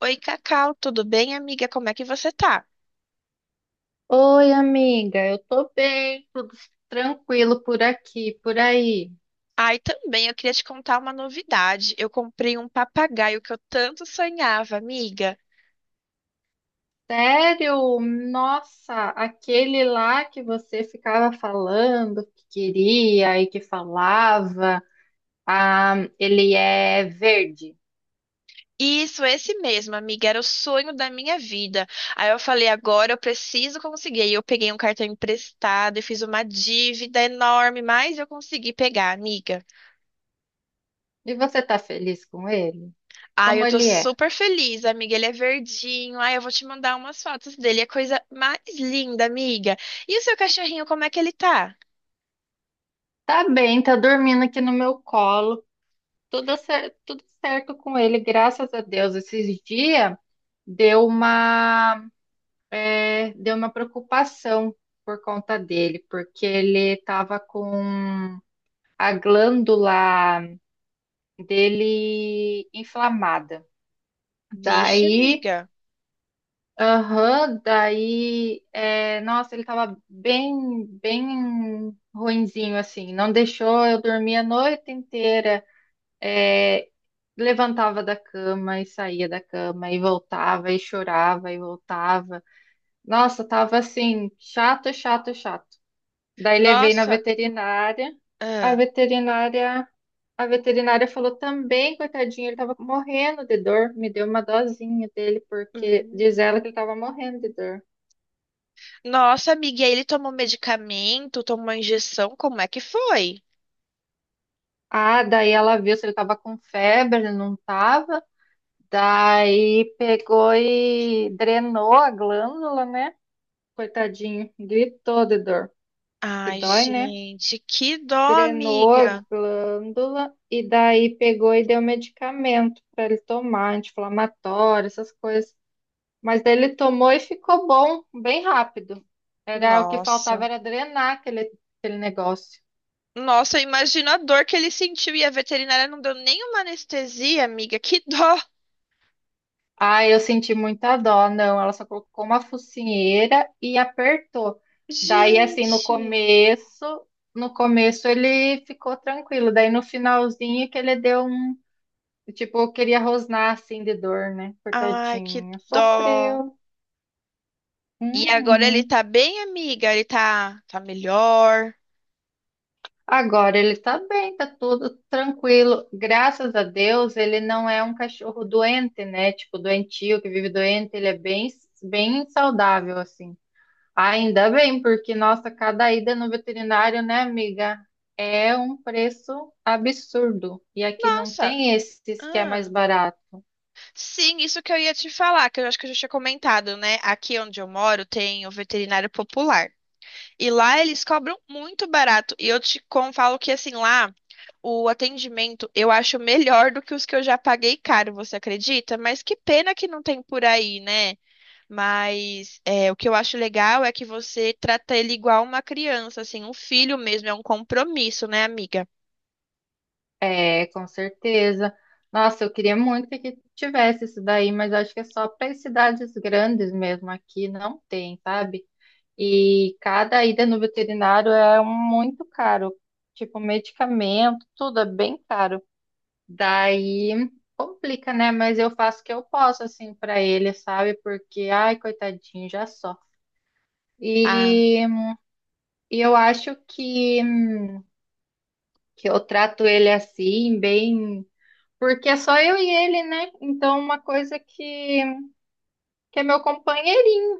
Oi, Cacau, tudo bem, amiga? Como é que você tá? Oi, amiga, eu tô bem, tudo tranquilo por aqui, por aí. Ai, também, eu queria te contar uma novidade. Eu comprei um papagaio que eu tanto sonhava, amiga. Sério? Nossa, aquele lá que você ficava falando que queria e que falava, ah, ele é verde. Isso, esse mesmo, amiga, era o sonho da minha vida. Aí eu falei, agora eu preciso conseguir. Aí eu peguei um cartão emprestado e fiz uma dívida enorme, mas eu consegui pegar, amiga. E você tá feliz com ele? Ai, Como eu tô ele é? super feliz, amiga. Ele é verdinho. Ai, eu vou te mandar umas fotos dele. É a coisa mais linda, amiga. E o seu cachorrinho, como é que ele tá? Tá bem, tá dormindo aqui no meu colo, tudo certo com ele, graças a Deus. Esses dias deu uma deu uma preocupação por conta dele, porque ele estava com a glândula dele inflamada. Vixe, Daí, amiga. aham, daí, é, nossa, ele estava bem ruinzinho assim. Não deixou eu dormir a noite inteira. É, Levantava da cama e saía da cama e voltava e chorava e voltava. Nossa, tava assim, chato. Daí levei na Nossa. veterinária. A Ah. veterinária, a veterinária falou também, coitadinho, ele estava morrendo de dor. Me deu uma dosinha dele, porque diz ela Hum. que ele estava morrendo de dor. Nossa, amiga, e aí ele tomou medicamento, tomou injeção, como é que foi? Ah, daí ela viu se ele estava com febre, ele não estava. Daí pegou e drenou a glândula, né? Coitadinho, gritou de dor, que Ai, dói, né? gente, que dó, Drenou a amiga. glândula e daí pegou e deu medicamento para ele tomar, anti-inflamatório, essas coisas. Mas ele tomou e ficou bom, bem rápido. Era o que Nossa. faltava era drenar aquele negócio. Nossa, imagina a dor que ele sentiu e a veterinária não deu nenhuma anestesia, amiga. Que dó. Ah, eu senti muita dó, não. Ela só colocou uma focinheira e apertou. Daí, assim, Gente. No começo ele ficou tranquilo. Daí no finalzinho que ele deu um, tipo, queria rosnar assim de dor, né? Ai, que Coitadinho, dó. sofreu. E agora ele Uhum. tá bem, amiga? Ele tá melhor. Agora ele tá bem, tá tudo tranquilo. Graças a Deus, ele não é um cachorro doente, né? Tipo, doentio, que vive doente, bem saudável, assim. Ainda bem, porque, nossa, cada ida no veterinário, né, amiga, é um preço absurdo. E aqui não Nossa. tem esses que é mais barato. Sim, isso que eu ia te falar, que eu acho que eu já tinha comentado, né? Aqui onde eu moro tem o veterinário popular. E lá eles cobram muito barato. E eu falo que assim, lá o atendimento eu acho melhor do que os que eu já paguei caro, você acredita? Mas que pena que não tem por aí, né? Mas é, o que eu acho legal é que você trata ele igual uma criança, assim, um filho mesmo, é um compromisso, né, amiga? É, com certeza. Nossa, eu queria muito que aqui tivesse isso daí, mas acho que é só para cidades grandes mesmo. Aqui não tem, sabe? E cada ida no veterinário muito caro. Tipo, medicamento, tudo é bem caro. Daí complica, né? Mas eu faço o que eu posso, assim, pra ele, sabe? Porque, ai, coitadinho, já só. Ah, E, e eu acho que eu trato ele assim, bem. Porque é só eu e ele, né? Então, uma coisa que é meu companheirinho,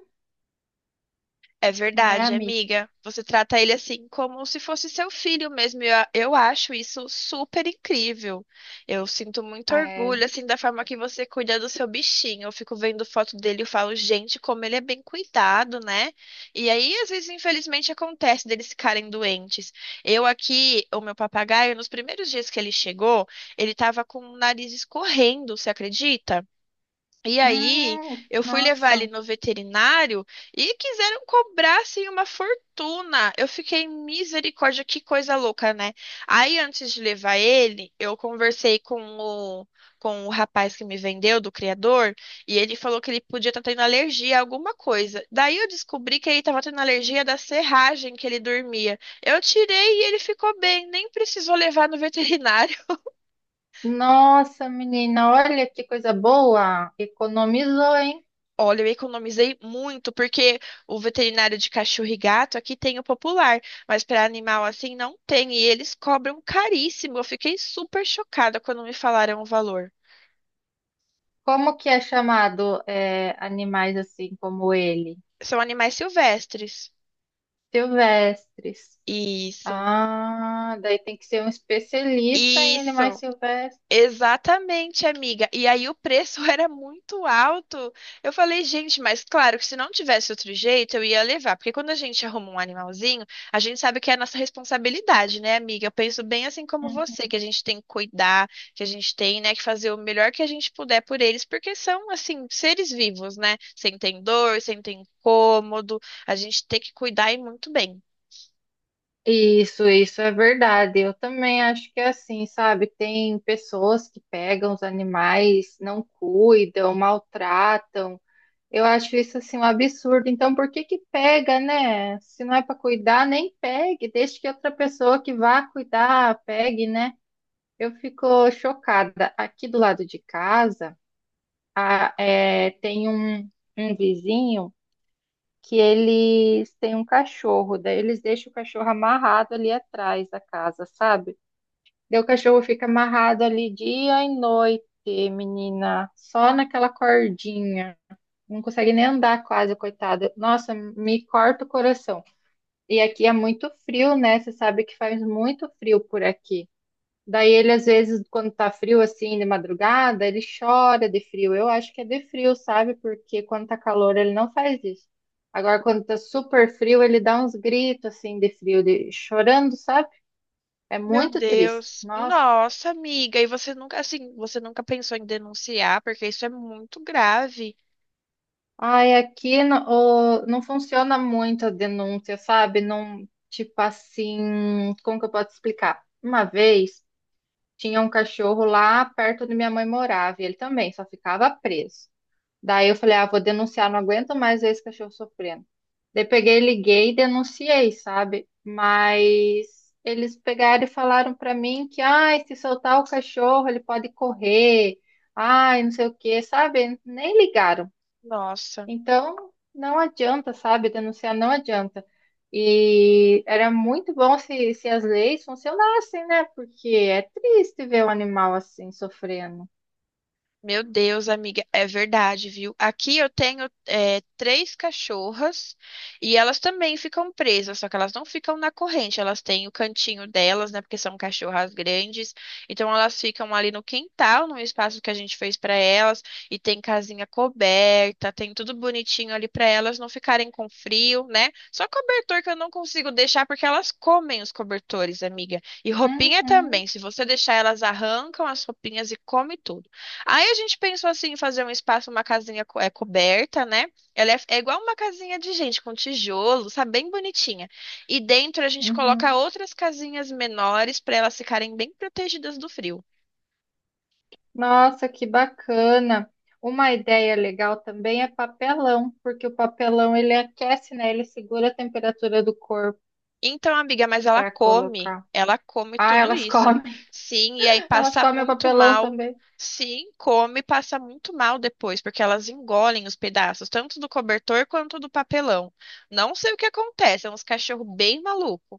é né, verdade, amiga? amiga. Você trata ele assim como se fosse seu filho mesmo. Eu acho isso super incrível. Eu sinto muito É. orgulho assim da forma que você cuida do seu bichinho. Eu fico vendo foto dele e falo, gente, como ele é bem cuidado, né? E aí, às vezes, infelizmente, acontece deles ficarem doentes. Eu aqui, o meu papagaio, nos primeiros dias que ele chegou, ele tava com o nariz escorrendo, você acredita? E aí, eu fui levar ele nossa. no veterinário e quiseram cobrar assim uma fortuna. Eu fiquei misericórdia, que coisa louca, né? Aí, antes de levar ele, eu conversei com o rapaz que me vendeu, do criador, e ele falou que ele podia estar tendo alergia a alguma coisa. Daí, eu descobri que ele estava tendo alergia da serragem que ele dormia. Eu tirei e ele ficou bem, nem precisou levar no veterinário. Nossa, menina, olha que coisa boa! Economizou, hein? Olha, eu economizei muito, porque o veterinário de cachorro e gato aqui tem o popular, mas para animal assim não tem, e eles cobram caríssimo. Eu fiquei super chocada quando me falaram o valor. Como que é chamado, é, animais assim como ele? São animais silvestres. Silvestres. Isso, Ah, daí tem que ser um especialista em animais isso. silvestres. Exatamente, amiga. E aí o preço era muito alto. Eu falei, gente, mas claro que se não tivesse outro jeito, eu ia levar. Porque quando a gente arruma um animalzinho, a gente sabe que é a nossa responsabilidade, né, amiga? Eu penso bem assim como você, que a gente tem que cuidar, que a gente tem, né, que fazer o melhor que a gente puder por eles, porque são, assim, seres vivos, né? Sem ter dor, sem ter incômodo. A gente tem que cuidar e muito bem. Isso é verdade. Eu também acho que é assim, sabe? Tem pessoas que pegam os animais, não cuidam, maltratam. Eu acho isso assim um absurdo. Então, por que que pega, né? Se não é para cuidar, nem pegue. Deixe que outra pessoa que vá cuidar pegue, né? Eu fico chocada. Aqui do lado de casa, tem um vizinho que eles têm um cachorro. Daí eles deixam o cachorro amarrado ali atrás da casa, sabe? Daí o cachorro fica amarrado ali dia e noite, menina, só naquela cordinha não consegue nem andar quase, coitada. Nossa, me corta o coração. E aqui é muito frio, né? Você sabe que faz muito frio por aqui. Daí ele, às vezes, quando tá frio assim, de madrugada, ele chora de frio. Eu acho que é de frio, sabe? Porque quando tá calor, ele não faz isso. Agora, quando tá super frio, ele dá uns gritos assim de frio, de chorando, sabe? É Meu muito triste. Deus. Nossa. Nossa, amiga, e você nunca, assim, você nunca pensou em denunciar, porque isso é muito grave. Ai, aqui no- o- não funciona muito a denúncia, sabe? Não, tipo assim, como que eu posso explicar? Uma vez tinha um cachorro lá perto onde minha mãe morava, e ele também só ficava preso. Daí eu falei, ah, vou denunciar, não aguento mais ver esse cachorro sofrendo. Daí peguei, liguei e denunciei, sabe? Mas eles pegaram e falaram pra mim que, ai, se soltar o cachorro, ele pode correr. Ai, não sei o quê, sabe? Nem ligaram Nossa. então, não adianta, sabe? Denunciar não adianta. E era muito bom se as leis funcionassem, né? Porque é triste ver o animal assim sofrendo. Meu Deus, amiga, é verdade, viu? Aqui eu tenho é, três cachorras e elas também ficam presas, só que elas não ficam na corrente, elas têm o cantinho delas, né? Porque são cachorras grandes, então elas ficam ali no quintal, no espaço que a gente fez para elas, e tem casinha coberta, tem tudo bonitinho ali para elas não ficarem com frio, né? Só cobertor que eu não consigo deixar porque elas comem os cobertores, amiga. E roupinha Uhum, também, se você deixar elas arrancam as roupinhas e come tudo. Aí a gente pensou assim, em fazer um espaço, uma coberta, né? É igual uma casinha de gente, com tijolo, sabe? Bem bonitinha. E dentro a gente coloca uhum. outras casinhas menores para elas ficarem bem protegidas do frio. Nossa, que bacana. Uma ideia legal também é papelão, porque o papelão ele aquece, né? Ele segura a temperatura do corpo Então, amiga, mas para colocar. ela come Ah, tudo elas isso. comem. Sim, e aí Elas passa comem o muito papelão mal. também. Sim, come, e passa muito mal depois, porque elas engolem os pedaços, tanto do cobertor quanto do papelão. Não sei o que acontece, é uns cachorros bem malucos.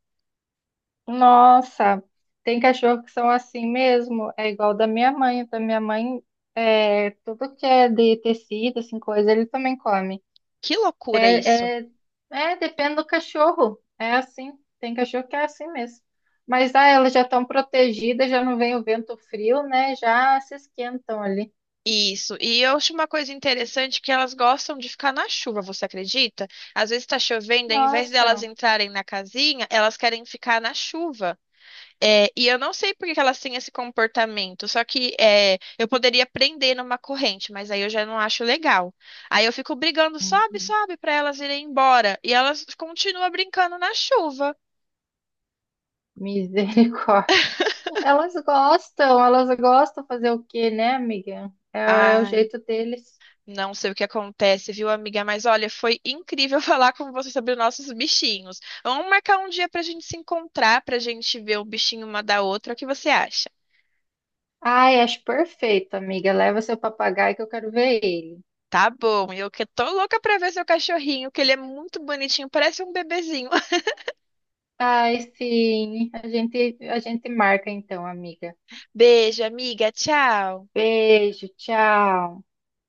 Nossa, tem cachorro que são assim mesmo. É igual da minha mãe. Da minha mãe, é, tudo que é de tecido, assim, coisa, ele também come. Que loucura isso. É, é, É, depende do cachorro. É assim. Tem cachorro que é assim mesmo. Mas ah, elas já estão protegidas, já não vem o vento frio, né? Já se esquentam ali. Isso, e eu acho uma coisa interessante que elas gostam de ficar na chuva, você acredita? Às vezes está chovendo, ao invés delas Nossa, entrarem na casinha, elas querem ficar na chuva. É, e eu não sei por que que elas têm esse comportamento, só que eu poderia prender numa corrente, mas aí eu já não acho legal. Aí eu fico brigando, sobe, sobe, para elas irem embora, e elas continuam brincando na chuva. misericórdia. Elas gostam fazer o quê, né, amiga? É, é o Ai. jeito deles. Não sei o que acontece, viu, amiga? Mas olha, foi incrível falar com você sobre os nossos bichinhos. Vamos marcar um dia pra gente se encontrar, pra gente ver o bichinho uma da outra. O que você acha? Ai, acho perfeito, amiga. Leva seu papagaio que eu quero ver ele. Tá bom, eu que tô louca pra ver seu cachorrinho, que ele é muito bonitinho, parece um bebezinho. Ai, sim. A gente marca então, amiga. Beijo, amiga. Tchau. Beijo, tchau.